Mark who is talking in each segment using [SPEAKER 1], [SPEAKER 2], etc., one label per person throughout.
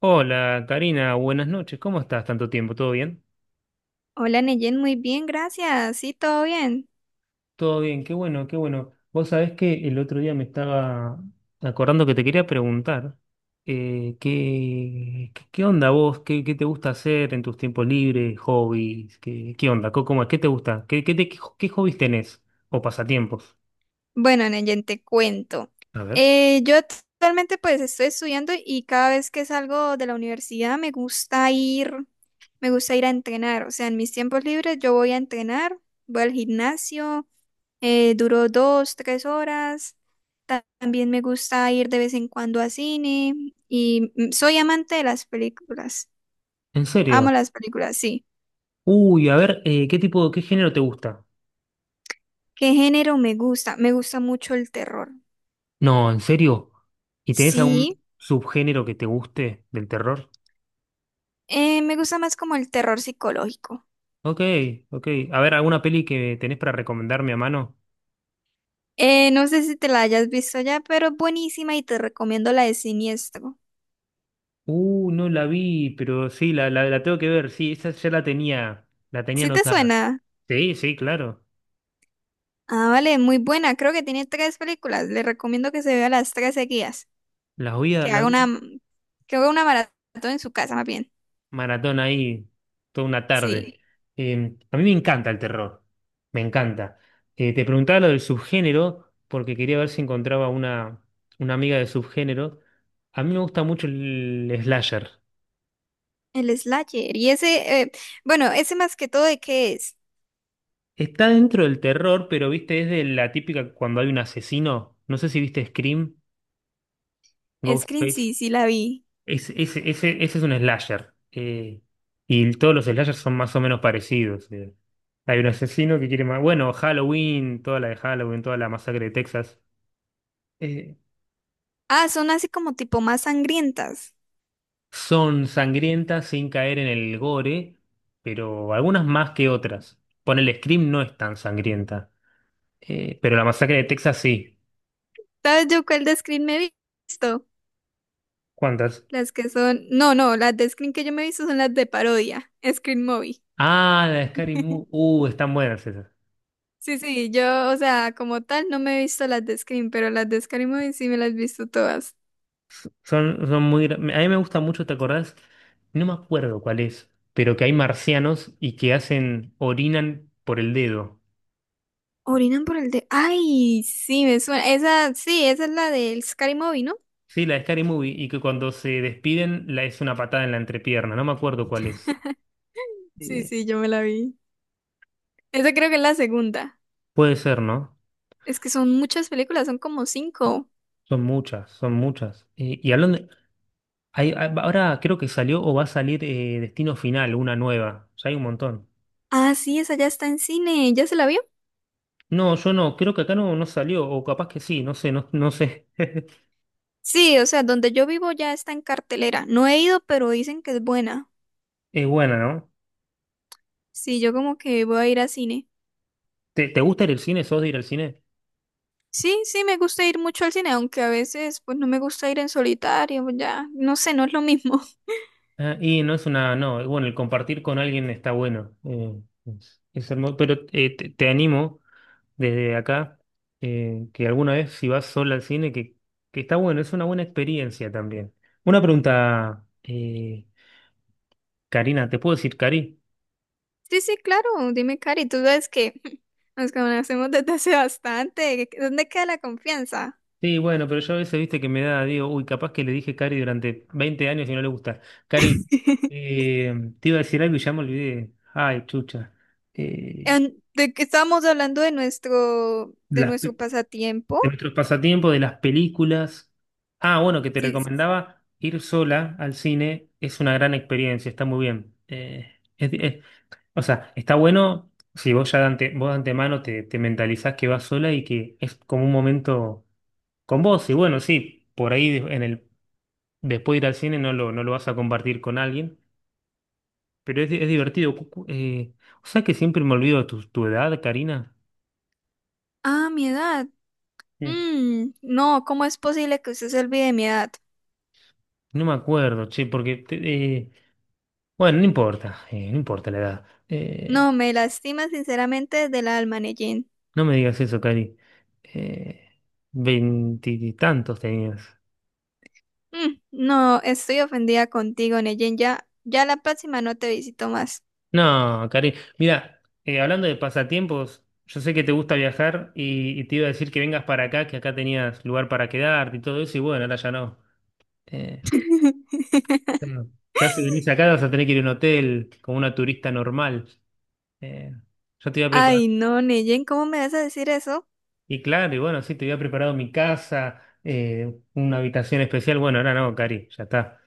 [SPEAKER 1] Hola, Karina, buenas noches. ¿Cómo estás? ¿Tanto tiempo? ¿Todo bien?
[SPEAKER 2] Hola Neyen, muy bien, gracias. Sí, todo bien.
[SPEAKER 1] Todo bien, qué bueno, qué bueno. Vos sabés que el otro día me estaba acordando que te quería preguntar, ¿qué onda vos? ¿Qué te gusta hacer en tus tiempos libres, hobbies? ¿Qué onda? ¿Cómo es? ¿Qué te gusta? ¿Qué hobbies tenés o pasatiempos?
[SPEAKER 2] Bueno, Neyen, te cuento.
[SPEAKER 1] A ver.
[SPEAKER 2] Yo actualmente pues estoy estudiando y cada vez que salgo de la universidad me gusta ir a entrenar. O sea, en mis tiempos libres yo voy a entrenar, voy al gimnasio, duro dos, tres horas. También me gusta ir de vez en cuando a cine y soy amante de las películas.
[SPEAKER 1] ¿En
[SPEAKER 2] Amo
[SPEAKER 1] serio?
[SPEAKER 2] las películas, sí.
[SPEAKER 1] Uy, a ver, qué género te gusta?
[SPEAKER 2] ¿Qué género me gusta? Me gusta mucho el terror.
[SPEAKER 1] No, ¿en serio? ¿Y tenés algún
[SPEAKER 2] Sí.
[SPEAKER 1] subgénero que te guste del terror?
[SPEAKER 2] Me gusta más como el terror psicológico.
[SPEAKER 1] Ok, ok. A ver, ¿alguna peli que tenés para recomendarme a mano?
[SPEAKER 2] No sé si te la hayas visto ya, pero es buenísima y te recomiendo la de Siniestro.
[SPEAKER 1] No la vi, pero sí, la tengo que ver. Sí, esa ya la tenía
[SPEAKER 2] ¿Sí te
[SPEAKER 1] anotada.
[SPEAKER 2] suena?
[SPEAKER 1] Sí, sí, claro.
[SPEAKER 2] Ah, vale, muy buena. Creo que tiene tres películas. Le recomiendo que se vea las tres seguidas. Que
[SPEAKER 1] La
[SPEAKER 2] haga
[SPEAKER 1] voy
[SPEAKER 2] una,
[SPEAKER 1] a
[SPEAKER 2] que haga una maratón en su casa, más bien.
[SPEAKER 1] maratón ahí toda una
[SPEAKER 2] Sí,
[SPEAKER 1] tarde. A mí me encanta el terror, me encanta. Te preguntaba lo del subgénero porque quería ver si encontraba una amiga de subgénero. A mí me gusta mucho el slasher.
[SPEAKER 2] el Slayer. Y ese, bueno, ese más que todo, ¿de qué es?
[SPEAKER 1] Está dentro del terror, pero viste, es de la típica cuando hay un asesino. No sé si viste Scream,
[SPEAKER 2] Scream,
[SPEAKER 1] Ghostface.
[SPEAKER 2] sí, sí la vi.
[SPEAKER 1] Ese es un slasher. Y todos los slashers son más o menos parecidos. Hay un asesino que quiere más. Bueno, Halloween, toda la de Halloween, toda la masacre de Texas. eh,
[SPEAKER 2] Ah, son así como tipo más sangrientas.
[SPEAKER 1] Son sangrientas sin caer en el gore, pero algunas más que otras. Ponele Scream no es tan sangrienta. Pero la masacre de Texas sí.
[SPEAKER 2] ¿Sabes yo cuál de Scream me he visto?
[SPEAKER 1] ¿Cuántas?
[SPEAKER 2] Las que son, no, no, las de Scream que yo me he visto son las de parodia, Scream Movie.
[SPEAKER 1] Ah, la de Scary Movie. Están buenas esas.
[SPEAKER 2] Sí, sí, yo, o sea, como tal, no me he visto las de Scream, pero las de scary Movie sí me las he visto todas.
[SPEAKER 1] A mí me gusta mucho, ¿te acordás? No me acuerdo cuál es, pero que hay marcianos y que orinan por el dedo.
[SPEAKER 2] Orinan por el de, ay, sí, me suena, esa, sí, esa es la del scary Movie, ¿no?
[SPEAKER 1] Sí, la de Scary Movie, y que cuando se despiden la es una patada en la entrepierna. No me acuerdo cuál es.
[SPEAKER 2] Sí,
[SPEAKER 1] Eh,
[SPEAKER 2] sí, yo me la vi. Esa creo que es la segunda.
[SPEAKER 1] Puede ser, ¿no?
[SPEAKER 2] Es que son muchas películas, son como cinco.
[SPEAKER 1] Son muchas, son muchas. Y hablando... de- hay- hay- ahora creo que salió o va a salir, Destino Final, una nueva. Ya hay un montón.
[SPEAKER 2] Ah, sí, esa ya está en cine, ¿ya se la vio?
[SPEAKER 1] No, yo no, creo que acá no, no salió, o capaz que sí, no sé, no, no sé.
[SPEAKER 2] Sí, o sea, donde yo vivo ya está en cartelera. No he ido, pero dicen que es buena.
[SPEAKER 1] Es buena, ¿no?
[SPEAKER 2] Sí, yo como que voy a ir a cine.
[SPEAKER 1] ¿Te gusta ir al cine? ¿Sos de ir al cine?
[SPEAKER 2] Sí, sí, me gusta ir mucho al cine, aunque a veces pues no me gusta ir en solitario, pues, ya, no sé, no es lo mismo.
[SPEAKER 1] Ah, y no, bueno, el compartir con alguien está bueno. Es hermoso, pero te animo desde acá que alguna vez si vas sola al cine, que está bueno, es una buena experiencia también. Una pregunta, Karina, ¿te puedo decir Cari?
[SPEAKER 2] Sí, sí, claro, dime, Cari, tú sabes que nos conocemos desde hace bastante, ¿dónde queda la confianza?
[SPEAKER 1] Sí, bueno, pero yo a veces, viste, que me da, digo, uy, capaz que le dije Cari durante 20 años y no le gusta. Cari, te iba a decir algo y ya me olvidé. Ay, chucha. Eh,
[SPEAKER 2] En- de que estábamos hablando de
[SPEAKER 1] las pe-
[SPEAKER 2] nuestro pasatiempo.
[SPEAKER 1] de nuestros pasatiempos, de las películas. Ah, bueno, que te
[SPEAKER 2] Sí, sí.
[SPEAKER 1] recomendaba ir sola al cine es una gran experiencia, está muy bien. O sea, está bueno si vos de antemano te mentalizás que vas sola y que es como un momento con vos. Y bueno, sí, por ahí después de ir al cine no lo vas a compartir con alguien, pero es divertido. O sea que siempre me olvido de tu edad, Karina.
[SPEAKER 2] Ah, mi edad.
[SPEAKER 1] Mm,
[SPEAKER 2] Mm, no, ¿cómo es posible que usted se olvide de mi edad?
[SPEAKER 1] No me acuerdo, che, porque bueno, no importa la edad.
[SPEAKER 2] No, me lastima sinceramente del alma, Neyen.
[SPEAKER 1] No me digas eso, Cari. Eh, Veintitantos tenías.
[SPEAKER 2] Mm, no, estoy ofendida contigo, Neyen. Ya la próxima no te visito más.
[SPEAKER 1] No, Cari. Mira, hablando de pasatiempos, yo sé que te gusta viajar y te iba a decir que vengas para acá, que acá tenías lugar para quedarte y todo eso, y bueno, ahora ya no. Eh, claro, ya si venís acá vas a tener que ir a un hotel como una turista normal. Eh, yo te iba a preparar.
[SPEAKER 2] Ay, no, Neyen, ¿cómo me vas a decir eso?
[SPEAKER 1] Y claro, y bueno, sí, te había preparado mi casa, una habitación especial. Bueno, ahora no, Cari, ya está.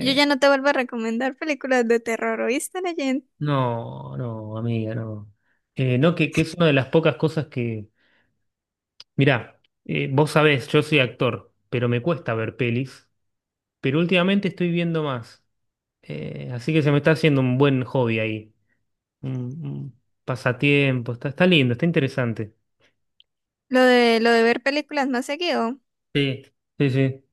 [SPEAKER 2] Yo ya no te vuelvo a recomendar películas de terror, ¿oíste, Neyen?
[SPEAKER 1] no, no, amiga, no. No, que es una de las pocas cosas que. Mirá, vos sabés, yo soy actor, pero me cuesta ver pelis. Pero últimamente estoy viendo más. Así que se me está haciendo un buen hobby ahí. Un, un pasatiempo. Está lindo, está interesante.
[SPEAKER 2] Lo de ver películas más seguido.
[SPEAKER 1] Sí, sí, sí.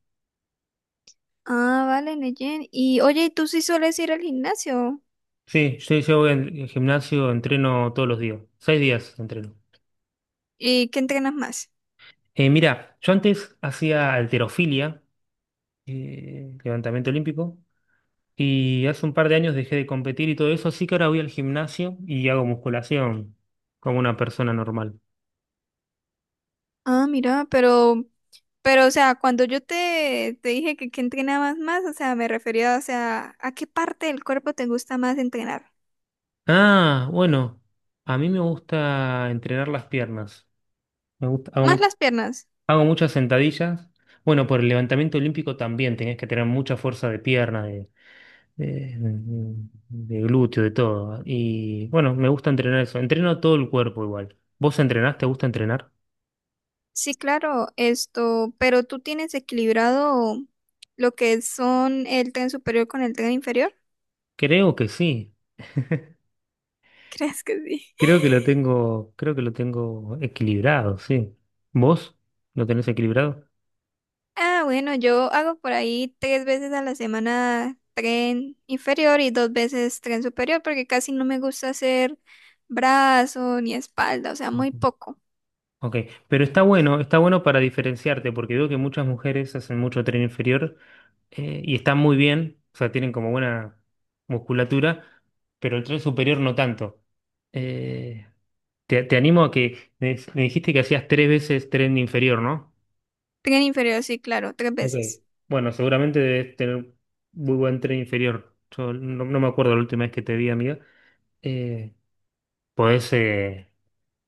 [SPEAKER 2] Ah, vale, Neyen. Y oye, ¿y ¿tú sí sueles ir al gimnasio?
[SPEAKER 1] Sí, yo voy al gimnasio, entreno todos los días. 6 días entreno.
[SPEAKER 2] ¿Y qué entrenas más?
[SPEAKER 1] Mirá, yo antes hacía halterofilia, levantamiento olímpico. Y hace un par de años dejé de competir y todo eso, así que ahora voy al gimnasio y hago musculación como una persona normal.
[SPEAKER 2] Ah, mira, pero, o sea, te dije que qué entrenabas más, o sea, me refería, o sea, ¿a qué parte del cuerpo te gusta más entrenar?
[SPEAKER 1] Ah, bueno, a mí me gusta entrenar las piernas. Me gusta,
[SPEAKER 2] ¿Más las piernas?
[SPEAKER 1] hago muchas sentadillas. Bueno, por el levantamiento olímpico también tenés que tener mucha fuerza de pierna, de, de glúteo, de todo. Y bueno, me gusta entrenar eso. Entreno todo el cuerpo igual. ¿Vos entrenás? ¿Te gusta entrenar?
[SPEAKER 2] Sí, claro, esto, pero tú tienes equilibrado lo que son el tren superior con el tren inferior.
[SPEAKER 1] Creo que sí.
[SPEAKER 2] ¿Crees que sí?
[SPEAKER 1] Creo que lo tengo equilibrado, sí. ¿Vos lo tenés equilibrado?
[SPEAKER 2] Ah, bueno, yo hago por ahí tres veces a la semana tren inferior y dos veces tren superior porque casi no me gusta hacer brazo ni espalda, o sea, muy
[SPEAKER 1] Ujú.
[SPEAKER 2] poco.
[SPEAKER 1] Ok, pero está bueno para diferenciarte, porque veo que muchas mujeres hacen mucho tren inferior, y están muy bien, o sea, tienen como buena musculatura, pero el tren superior no tanto. Eh, Te animo a que me dijiste que hacías tres veces tren inferior, ¿no?
[SPEAKER 2] Tren inferior, sí, claro, tres
[SPEAKER 1] Ok.
[SPEAKER 2] veces.
[SPEAKER 1] Bueno, seguramente debes tener muy buen tren inferior. Yo no me acuerdo la última vez que te vi, amiga. Eh, podés, eh,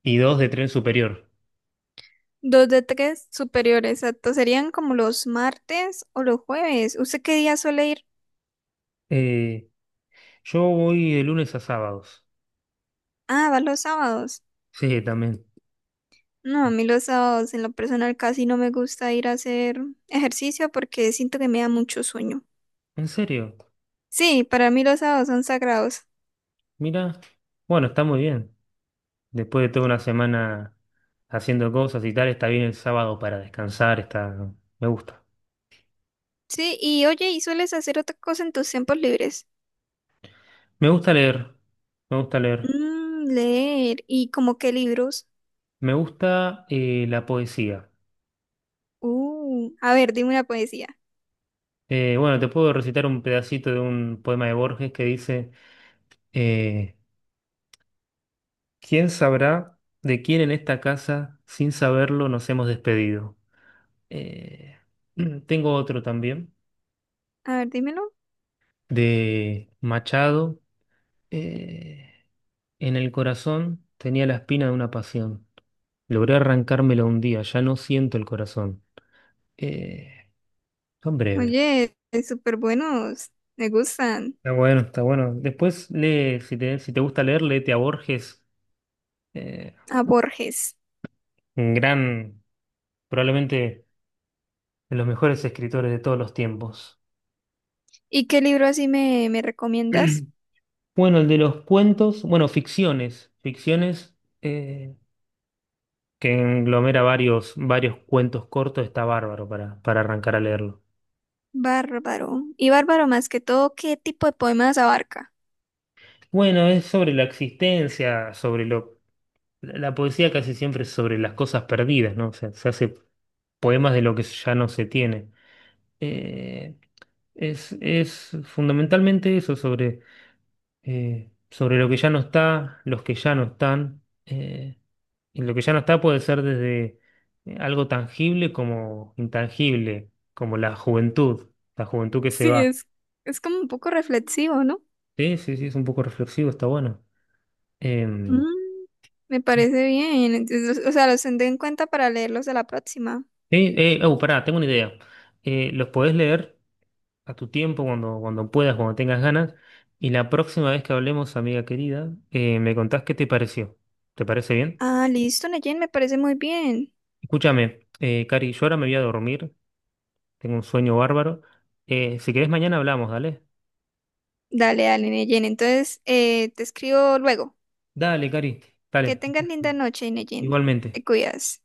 [SPEAKER 1] y dos de tren superior.
[SPEAKER 2] Dos de tres superiores, exacto. Serían como los martes o los jueves. ¿Usted qué día suele ir?
[SPEAKER 1] Eh, yo voy de lunes a sábados.
[SPEAKER 2] Ah, va los sábados.
[SPEAKER 1] Sí, también.
[SPEAKER 2] No, a mí los sábados en lo personal casi no me gusta ir a hacer ejercicio porque siento que me da mucho sueño.
[SPEAKER 1] ¿En serio?
[SPEAKER 2] Sí, para mí los sábados son sagrados.
[SPEAKER 1] Mira, bueno, está muy bien. Después de toda una semana haciendo cosas y tal, está bien el sábado para descansar, está... Me gusta.
[SPEAKER 2] Sí, y oye, ¿y sueles hacer otra cosa en tus tiempos libres?
[SPEAKER 1] Me gusta leer, me gusta leer.
[SPEAKER 2] Mm, leer. ¿Y como qué libros?
[SPEAKER 1] Me gusta la poesía.
[SPEAKER 2] A ver, dime una poesía.
[SPEAKER 1] Bueno, te puedo recitar un pedacito de un poema de Borges que dice... eh, ¿Quién sabrá de quién en esta casa, sin saberlo, nos hemos despedido? Eh, Tengo otro también,
[SPEAKER 2] A ver, dímelo.
[SPEAKER 1] de Machado. Eh, en el corazón tenía la espina de una pasión. Logré arrancármela un día, ya no siento el corazón. Eh, Son breves.
[SPEAKER 2] Oye, súper buenos. Me gustan.
[SPEAKER 1] Está bueno, está bueno. Después lee, si te gusta leer, léete a Borges, eh,
[SPEAKER 2] A Borges.
[SPEAKER 1] un gran, probablemente de los mejores escritores de todos los tiempos.
[SPEAKER 2] ¿Y qué libro así me, me recomiendas?
[SPEAKER 1] Bueno, el de los cuentos, bueno, ficciones eh, que englomera varios cuentos cortos, está bárbaro para arrancar a leerlo.
[SPEAKER 2] Bárbaro. Y bárbaro más que todo, ¿qué tipo de poemas abarca?
[SPEAKER 1] Bueno, es sobre la existencia, sobre lo... La poesía casi siempre es sobre las cosas perdidas, ¿no? O sea, se hace poemas de lo que ya no se tiene. Eh, es fundamentalmente eso, sobre lo que ya no está, los que ya no están. eh, Y lo que ya no está puede ser desde algo tangible como intangible, como la juventud que se
[SPEAKER 2] Sí,
[SPEAKER 1] va.
[SPEAKER 2] es como un poco reflexivo, ¿no?
[SPEAKER 1] Sí, sí, sí, es un poco reflexivo, está bueno. Em,
[SPEAKER 2] Mm, me parece bien. Entonces, o sea, los tendré en cuenta para leerlos de la próxima.
[SPEAKER 1] sí, oh, pará, tengo una idea. Los podés leer a tu tiempo, cuando puedas, cuando tengas ganas. Y la próxima vez que hablemos, amiga querida, me contás qué te pareció. ¿Te parece bien?
[SPEAKER 2] Ah, listo, Neyen, me parece muy bien.
[SPEAKER 1] Escúchame, Cari, yo ahora me voy a dormir, tengo un sueño bárbaro. Si querés, mañana hablamos, dale.
[SPEAKER 2] Dale, dale, Neyen. Entonces, te escribo luego.
[SPEAKER 1] Dale, Cari,
[SPEAKER 2] Que
[SPEAKER 1] dale.
[SPEAKER 2] tengas linda noche, Neyen.
[SPEAKER 1] Igualmente.
[SPEAKER 2] Te cuidas.